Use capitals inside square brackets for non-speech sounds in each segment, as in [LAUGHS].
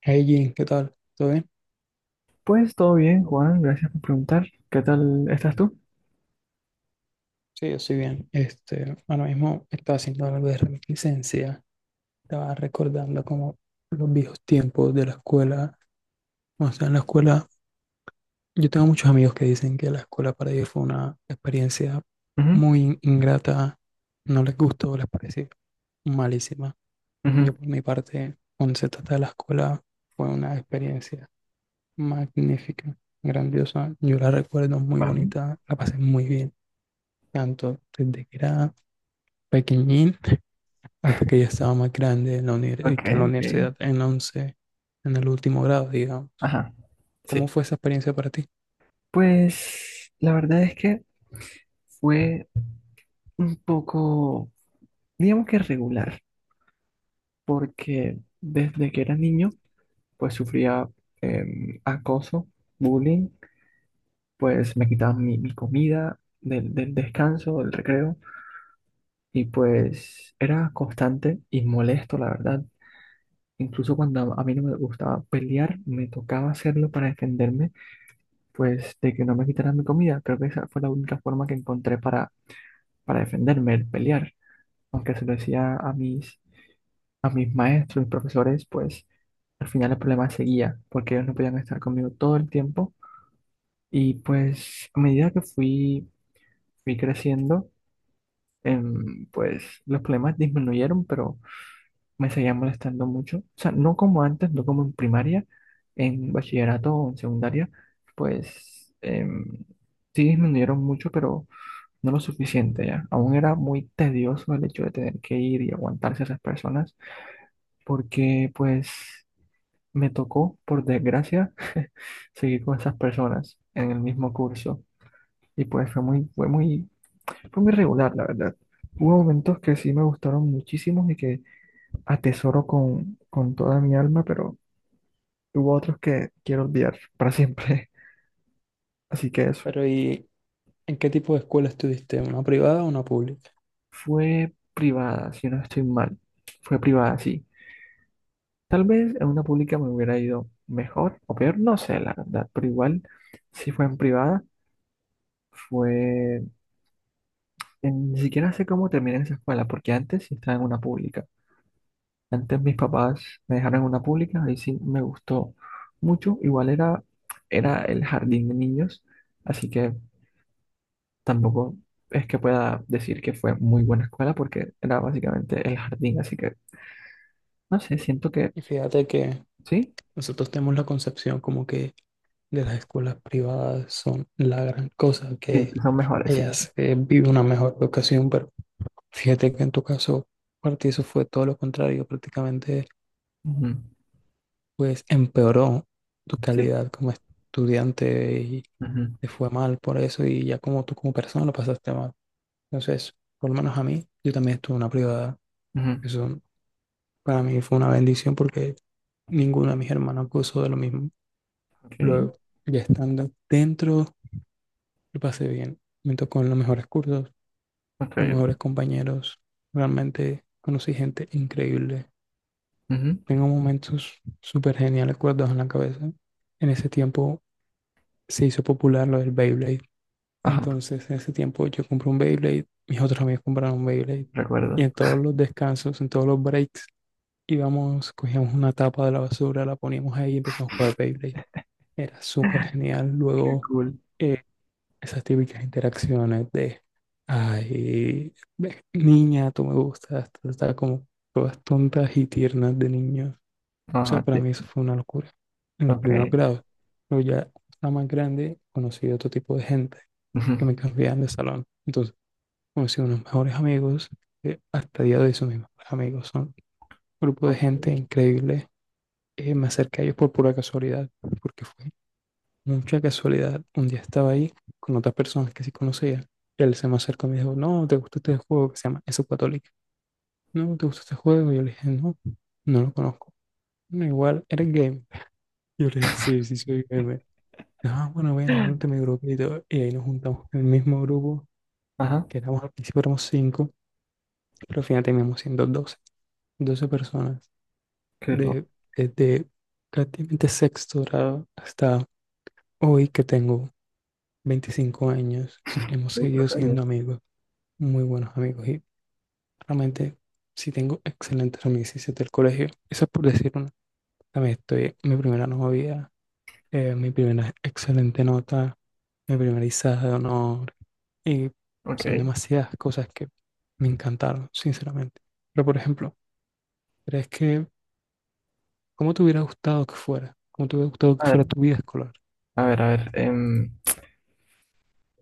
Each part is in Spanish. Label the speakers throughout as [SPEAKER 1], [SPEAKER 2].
[SPEAKER 1] Hey Jim, ¿qué tal? ¿Todo bien?
[SPEAKER 2] Pues todo bien, Juan, gracias por preguntar. ¿Qué tal estás tú?
[SPEAKER 1] Sí, yo estoy bien. Ahora mismo estaba haciendo algo de reminiscencia. Estaba recordando como los viejos tiempos de la escuela. O sea, en la escuela, yo tengo muchos amigos que dicen que la escuela para ellos fue una experiencia
[SPEAKER 2] Ujú.
[SPEAKER 1] muy ingrata. No les gustó, les pareció malísima. Yo
[SPEAKER 2] Ujú.
[SPEAKER 1] por mi parte, cuando se trata de la escuela, fue una experiencia magnífica, grandiosa. Yo la recuerdo muy
[SPEAKER 2] Vale.
[SPEAKER 1] bonita, la pasé muy bien tanto desde que era pequeñín hasta que ya estaba más grande en la
[SPEAKER 2] Ok,
[SPEAKER 1] que en la
[SPEAKER 2] ok.
[SPEAKER 1] universidad, en la 11, en el último grado, digamos.
[SPEAKER 2] Ajá.
[SPEAKER 1] ¿Cómo
[SPEAKER 2] Sí.
[SPEAKER 1] fue esa experiencia para ti?
[SPEAKER 2] Pues la verdad es que fue un poco, digamos que regular, porque desde que era niño, pues sufría acoso, bullying, pues me quitaban mi comida del descanso, del recreo, y pues era constante y molesto, la verdad. Incluso cuando a mí no me gustaba pelear, me tocaba hacerlo para defenderme, pues de que no me quitaran mi comida. Creo que esa fue la única forma que encontré para defenderme, el pelear. Aunque se lo decía a a mis maestros, mis profesores, pues al final el problema seguía, porque ellos no podían estar conmigo todo el tiempo. Y pues a medida que fui creciendo, pues los problemas disminuyeron, pero me seguía molestando mucho. O sea, no como antes, no como en primaria, en bachillerato o en secundaria, pues sí disminuyeron mucho, pero no lo suficiente ya. Aún era muy tedioso el hecho de tener que ir y aguantarse a esas personas, porque pues me tocó, por desgracia, [LAUGHS] seguir con esas personas en el mismo curso. Y pues fue muy regular, la verdad. Hubo momentos que sí me gustaron muchísimo y que atesoro con toda mi alma, pero hubo otros que quiero olvidar para siempre. [LAUGHS] Así que eso.
[SPEAKER 1] Pero ¿y en qué tipo de escuela estuviste? ¿Una privada o una pública?
[SPEAKER 2] Fue privada, si no estoy mal. Fue privada, sí. Tal vez en una pública me hubiera ido mejor o peor, no sé, la verdad, pero igual, si fue en privada, fue... en- Ni siquiera sé cómo terminé en esa escuela, porque antes sí estaba en una pública. Antes mis papás me dejaron en una pública, ahí sí me gustó mucho. Igual era el jardín de niños, así que tampoco es que pueda decir que fue muy buena escuela porque era básicamente el jardín, así que no sé, siento que
[SPEAKER 1] Y fíjate que
[SPEAKER 2] sí,
[SPEAKER 1] nosotros tenemos la concepción como que de las escuelas privadas son la gran cosa,
[SPEAKER 2] sí,
[SPEAKER 1] que
[SPEAKER 2] que son mejores, sí. Sí.
[SPEAKER 1] ellas viven una mejor educación, pero fíjate que en tu caso, para ti eso fue todo lo contrario, prácticamente
[SPEAKER 2] Ujú.
[SPEAKER 1] pues empeoró tu
[SPEAKER 2] Sí.
[SPEAKER 1] calidad como estudiante y
[SPEAKER 2] Ujú.
[SPEAKER 1] te fue mal por eso y ya como tú como persona lo pasaste mal. Entonces, por lo menos a mí, yo también estuve en una privada.
[SPEAKER 2] Ujú.
[SPEAKER 1] Eso para mí fue una bendición porque ninguno de mis hermanos gozó de lo mismo.
[SPEAKER 2] Ok,
[SPEAKER 1] Luego, ya estando dentro, lo pasé bien. Me tocó en los mejores cursos,
[SPEAKER 2] ok.
[SPEAKER 1] los mejores compañeros. Realmente conocí gente increíble.
[SPEAKER 2] Ujú.
[SPEAKER 1] Tengo momentos súper geniales guardados en la cabeza. En ese tiempo se hizo popular lo del Beyblade.
[SPEAKER 2] Ajá,
[SPEAKER 1] Entonces, en ese tiempo yo compré un Beyblade, mis otros amigos compraron un Beyblade. Y
[SPEAKER 2] recuerdo.
[SPEAKER 1] en todos los descansos, en todos los breaks, íbamos, cogíamos una tapa de la basura, la poníamos ahí y empezamos a jugar Beyblade. Era súper genial.
[SPEAKER 2] Qué
[SPEAKER 1] Luego,
[SPEAKER 2] cool.
[SPEAKER 1] eh, esas típicas interacciones de, ay, niña, tú me gustas, tú estás como todas tontas y tiernas de niños. O sea,
[SPEAKER 2] Ajá,
[SPEAKER 1] para
[SPEAKER 2] sí.
[SPEAKER 1] mí eso fue una locura en los
[SPEAKER 2] Ok.
[SPEAKER 1] primeros grados. Pero ya, la más grande, conocí otro tipo de gente
[SPEAKER 2] Ujú.
[SPEAKER 1] que me cambiaban de salón. Entonces, conocí unos mejores amigos, hasta el día de hoy son mis mejores amigos, son un grupo de
[SPEAKER 2] Ok.
[SPEAKER 1] gente increíble. Me acerqué a ellos por pura casualidad, porque fue mucha casualidad. Un día estaba ahí con otras personas que sí conocía. Él se me acercó y me dijo, no, ¿te gusta este juego que se llama Eso Católica? No, ¿te gusta este juego? Y yo le dije, no, no lo conozco. No, igual, eres gamer, [LAUGHS] yo le dije, sí, sí, soy gamer. Ah, bueno, bueno, únete a mi grupo y todo. Y ahí nos juntamos en el mismo grupo,
[SPEAKER 2] Ajá,
[SPEAKER 1] que éramos, al principio éramos cinco. Pero fíjate, mismo siendo doce personas
[SPEAKER 2] qué loco.
[SPEAKER 1] de, desde prácticamente 6.º grado hasta hoy que tengo 25 años, hemos seguido
[SPEAKER 2] ¿Cuántos años?
[SPEAKER 1] siendo amigos, muy buenos amigos, y realmente sí tengo excelentes amistades del colegio. Eso es por decir una. También estoy mi primera novia, mi primera excelente nota, mi primera izada de honor, y son
[SPEAKER 2] Ok.
[SPEAKER 1] demasiadas cosas que me encantaron, sinceramente. Pero por ejemplo, ¿crees que ¿cómo te hubiera gustado que fuera? ¿Cómo te hubiera gustado
[SPEAKER 2] A
[SPEAKER 1] que fuera
[SPEAKER 2] ver,
[SPEAKER 1] tu vida escolar?
[SPEAKER 2] a ver, a ver. Em,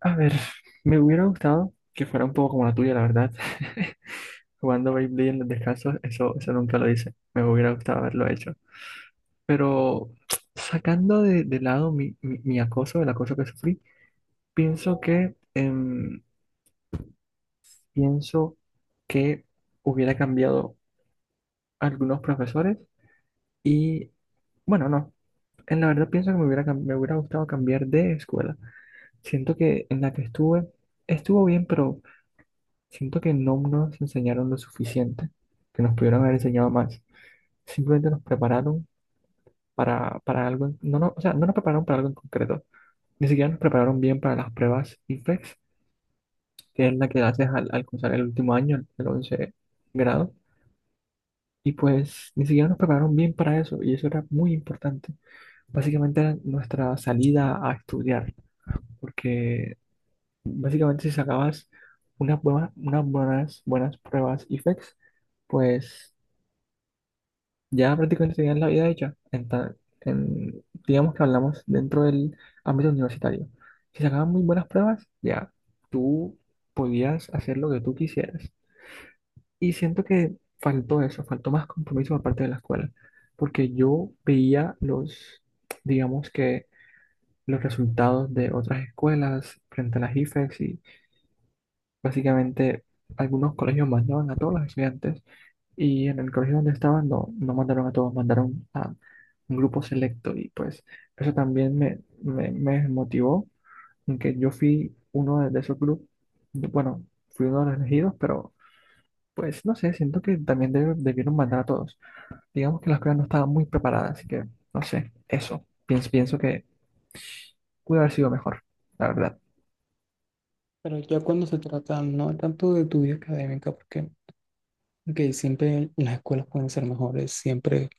[SPEAKER 2] a ver, me hubiera gustado que fuera un poco como la tuya, la verdad. [LAUGHS] Jugando Beyblade en los descansos, eso nunca lo hice. Me hubiera gustado haberlo hecho. Pero sacando de lado mi acoso, el acoso que sufrí, pienso que, em, pienso que hubiera cambiado algunos profesores y, bueno, no. En la verdad pienso que me hubiera, cam- me hubiera gustado cambiar de escuela. Siento que en la que estuve, estuvo bien, pero siento que no nos enseñaron lo suficiente, que nos pudieron haber enseñado más. Simplemente nos prepararon para algo, o sea, no nos prepararon para algo en concreto, ni siquiera nos prepararon bien para las pruebas IFEX, que es la que haces al alcanzar el último año, el 11 grado, y pues ni siquiera nos prepararon bien para eso, y eso era muy importante. Básicamente era nuestra salida a estudiar, porque básicamente si sacabas buenas pruebas IFEX, pues ya prácticamente tenían la vida hecha. En ta- en- digamos que hablamos dentro del ámbito universitario. Si sacaban muy buenas pruebas, ya tú podías hacer lo que tú quisieras. Y siento que faltó eso, faltó más compromiso por parte de la escuela, porque yo veía digamos que los resultados de otras escuelas frente a las IFES. Básicamente, algunos colegios mandaban a todos los estudiantes y en el colegio donde estaban no, no mandaron a todos, mandaron a un grupo selecto y pues eso también me motivó en que yo fui uno de esos grupos, bueno, fui uno de los elegidos, pero pues no sé, siento que también deb- debieron mandar a todos. Digamos que las pruebas no estaban muy preparadas, así que no sé, eso, pienso que pudo haber sido mejor, la verdad.
[SPEAKER 1] Pero ya cuando se trata no tanto de tu vida académica, porque ok, siempre las escuelas pueden ser mejores, siempre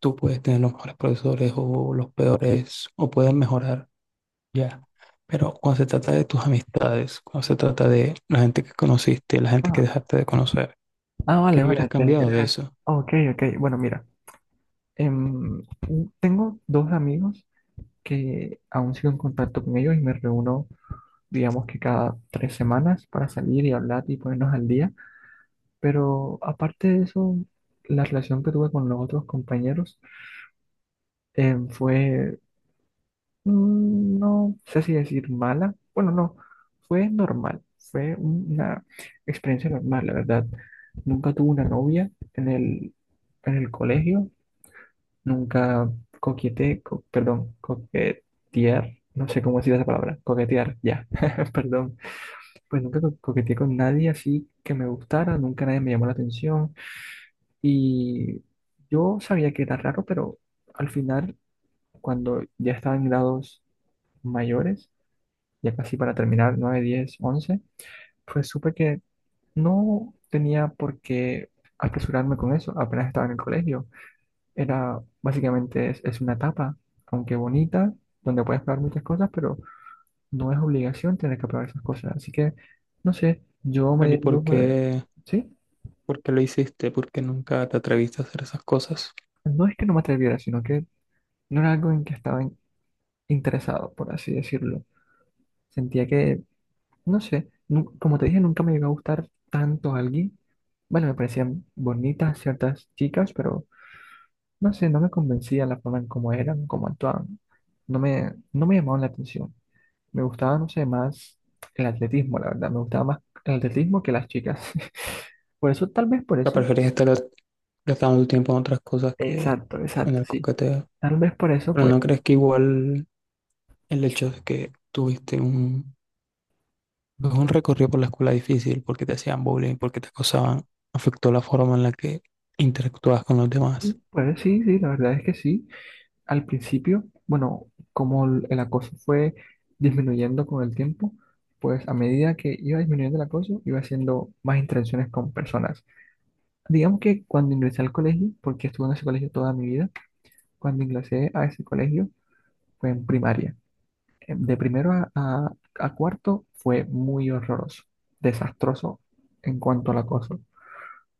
[SPEAKER 1] tú puedes tener los mejores profesores o los peores, o pueden mejorar, ya. Pero cuando se trata de tus amistades, cuando se trata de la gente que conociste, la gente que
[SPEAKER 2] Ah,
[SPEAKER 1] dejaste de conocer,
[SPEAKER 2] ah,
[SPEAKER 1] ¿qué
[SPEAKER 2] vale,
[SPEAKER 1] hubieras
[SPEAKER 2] vale, [LAUGHS] te-
[SPEAKER 1] cambiado
[SPEAKER 2] te-
[SPEAKER 1] de
[SPEAKER 2] ah,
[SPEAKER 1] eso?
[SPEAKER 2] ok, ok, bueno, mira. Em, Tengo dos amigos que aún sigo en contacto con ellos y me reúno, digamos que cada 3 semanas para salir y hablar y ponernos al día. Pero aparte de eso, la relación que tuve con los otros compañeros em, fue, no sé si decir mala, bueno, no, fue normal, fue una experiencia normal, la verdad. Nunca tuve una novia en en el colegio. Nunca coqueteé, co- perdón, coquetear, no sé cómo decir esa palabra, coquetear, ya, [LAUGHS] perdón. Pues nunca co- coqueteé con nadie así que me gustara, nunca nadie me llamó la atención. Y yo sabía que era raro, pero al final, cuando ya estaba en grados mayores, ya casi para terminar, 9, 10, 11, pues supe que no tenía por qué apresurarme con eso, apenas estaba en el colegio. Básicamente es una etapa, aunque bonita, donde puedes probar muchas cosas, pero no es obligación tener que probar esas cosas. Así que, no sé, yo me
[SPEAKER 1] Pero
[SPEAKER 2] di
[SPEAKER 1] ¿y
[SPEAKER 2] el lujo de, ¿sí?
[SPEAKER 1] por qué lo hiciste? ¿Por qué nunca te atreviste a hacer esas cosas?
[SPEAKER 2] No es que no me atreviera, sino que no era algo en que estaba in- interesado, por así decirlo. Sentía que, no sé, nu- como te dije, nunca me llegó a gustar tanto alguien. Bueno, me parecían bonitas ciertas chicas, pero no sé, no me convencía la forma en cómo eran, cómo actuaban. No me llamaban la atención. Me gustaba, no sé, más el atletismo, la verdad. Me gustaba más el atletismo que las chicas. [LAUGHS] Por eso, tal vez por
[SPEAKER 1] La
[SPEAKER 2] eso.
[SPEAKER 1] preferís estar gastando tu tiempo en otras cosas que
[SPEAKER 2] Exacto,
[SPEAKER 1] en
[SPEAKER 2] exacto,
[SPEAKER 1] el
[SPEAKER 2] sí.
[SPEAKER 1] coqueteo.
[SPEAKER 2] Tal vez por eso,
[SPEAKER 1] Pero
[SPEAKER 2] pues.
[SPEAKER 1] ¿no crees que igual el hecho de que tuviste un, pues, un recorrido por la escuela difícil, porque te hacían bullying, porque te acosaban, afectó la forma en la que interactuabas con los demás?
[SPEAKER 2] Pues sí, sí, la verdad es que sí. Al principio, bueno, como el acoso fue disminuyendo con el tiempo, pues a medida que iba disminuyendo el acoso, iba haciendo más interacciones con personas. Digamos que cuando ingresé al colegio, porque estuve en ese colegio toda mi vida, cuando ingresé a ese colegio fue en primaria. De primero a cuarto fue muy horroroso, desastroso en cuanto al acoso.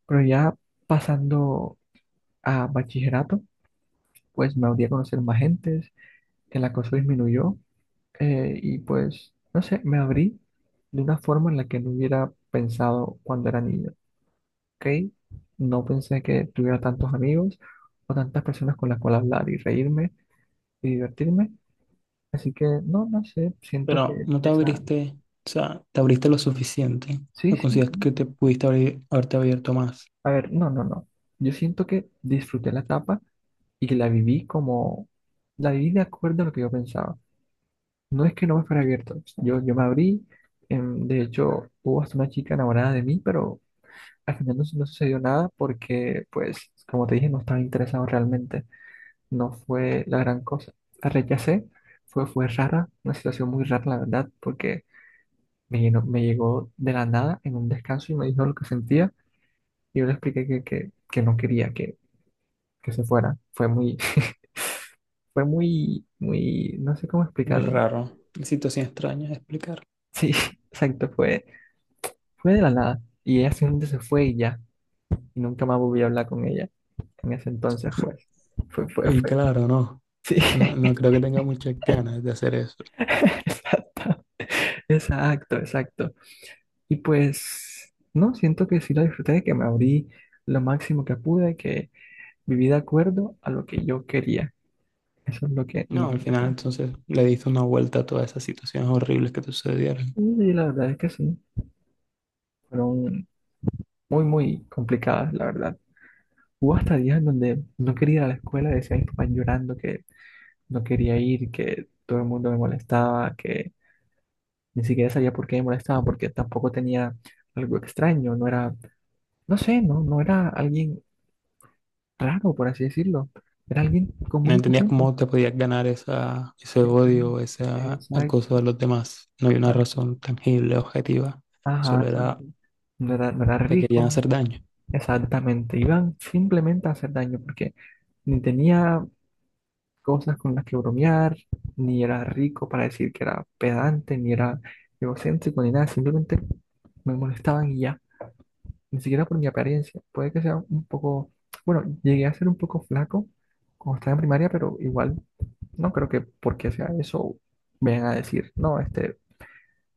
[SPEAKER 2] Pero ya pasando a bachillerato, pues me abrí a conocer más gentes, el acoso disminuyó, y pues, no sé, me abrí de una forma en la que no hubiera pensado cuando era niño, ¿ok? No pensé que tuviera tantos amigos o tantas personas con las cuales hablar y reírme y divertirme. Así que, no, no sé, siento
[SPEAKER 1] Pero
[SPEAKER 2] que
[SPEAKER 1] no te
[SPEAKER 2] esa...
[SPEAKER 1] abriste, o sea, te abriste lo suficiente.
[SPEAKER 2] Sí,
[SPEAKER 1] ¿No
[SPEAKER 2] sí,
[SPEAKER 1] consideras
[SPEAKER 2] sí.
[SPEAKER 1] que te pudiste abrir, haberte abierto más?
[SPEAKER 2] A ver, no, no, no. Yo siento que disfruté la etapa y que la viví como, la viví de acuerdo a lo que yo pensaba. No es que no me fuera abierto. Yo me abrí, de hecho, hubo hasta una chica enamorada de mí, pero al final no, su- no sucedió nada porque, pues, como te dije, no estaba interesado realmente. No fue la gran cosa. La rechacé, fue rara, una situación muy rara, la verdad, porque me, llenó- me llegó de la nada en un descanso y me dijo lo que sentía. Y yo le expliqué que no quería, que se fuera. Fue muy, [LAUGHS] no sé cómo
[SPEAKER 1] Muy
[SPEAKER 2] explicarlo.
[SPEAKER 1] raro, una situación extraña de explicar.
[SPEAKER 2] Sí, [LAUGHS] exacto, fue de la nada. Y ella simplemente se fue y ya. Y nunca más volví a hablar con ella. En ese entonces, pues,
[SPEAKER 1] Y
[SPEAKER 2] fue.
[SPEAKER 1] claro, no,
[SPEAKER 2] Sí,
[SPEAKER 1] no, no creo que tenga muchas ganas de hacer eso.
[SPEAKER 2] [LAUGHS] exacto, exacto. Y pues, no, siento que sí lo disfruté, que me abrí lo máximo que pude, que viví de acuerdo a lo que yo quería. Eso es lo que no
[SPEAKER 1] No,
[SPEAKER 2] me
[SPEAKER 1] al final
[SPEAKER 2] acuerdo.
[SPEAKER 1] entonces le diste una vuelta a todas esas situaciones horribles que te sucedieron.
[SPEAKER 2] Y la verdad es que sí, fueron muy, muy complicadas, la verdad. Hubo hasta días en donde no quería ir a la escuela, decía a mis papás llorando que no quería ir, que todo el mundo me molestaba, que ni siquiera sabía por qué me molestaban, porque tampoco tenía algo extraño, no era, no sé, no, no era alguien raro, por así decirlo, era alguien
[SPEAKER 1] No
[SPEAKER 2] común y
[SPEAKER 1] entendías
[SPEAKER 2] corriente.
[SPEAKER 1] cómo te podías ganar esa, ese odio, ese
[SPEAKER 2] Exacto,
[SPEAKER 1] acoso de los demás. No hay una
[SPEAKER 2] exacto,
[SPEAKER 1] razón tangible, objetiva.
[SPEAKER 2] ajá,
[SPEAKER 1] Solo era,
[SPEAKER 2] exacto. No era
[SPEAKER 1] te querían
[SPEAKER 2] rico,
[SPEAKER 1] hacer daño.
[SPEAKER 2] exactamente, iban simplemente a hacer daño, porque ni tenía cosas con las que bromear, ni era rico para decir que era pedante, ni era egocéntrico, ni nada, simplemente me molestaban y ya, ni siquiera por mi apariencia. Puede que sea un poco, bueno, llegué a ser un poco flaco cuando estaba en primaria, pero igual no creo que porque sea eso vengan a decir, no, este,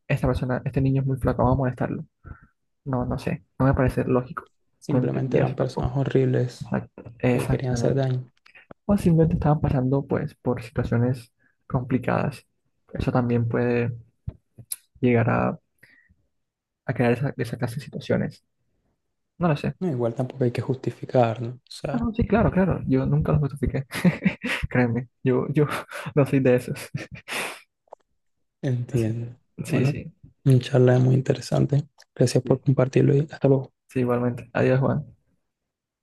[SPEAKER 2] esta persona, este niño es muy flaco, vamos a molestarlo. No, no sé, no me parece lógico. No
[SPEAKER 1] Simplemente
[SPEAKER 2] entendía
[SPEAKER 1] eran
[SPEAKER 2] eso tampoco.
[SPEAKER 1] personas horribles
[SPEAKER 2] Exact-
[SPEAKER 1] que querían hacer
[SPEAKER 2] Exactamente.
[SPEAKER 1] daño.
[SPEAKER 2] O simplemente estaban pasando pues por situaciones complicadas. Eso también puede llegar a crear esa clase de situaciones. No lo sé.
[SPEAKER 1] No, igual tampoco hay que justificar, ¿no? O
[SPEAKER 2] Ah,
[SPEAKER 1] sea,
[SPEAKER 2] no, sí, claro, claro. Yo nunca lo justifiqué. [LAUGHS] Créeme, yo [LAUGHS] no soy de esos. [LAUGHS] Así-
[SPEAKER 1] entiendo.
[SPEAKER 2] Sí,
[SPEAKER 1] Bueno,
[SPEAKER 2] sí.
[SPEAKER 1] una charla muy interesante. Gracias por compartirlo y hasta luego.
[SPEAKER 2] Sí, igualmente. Adiós, Juan.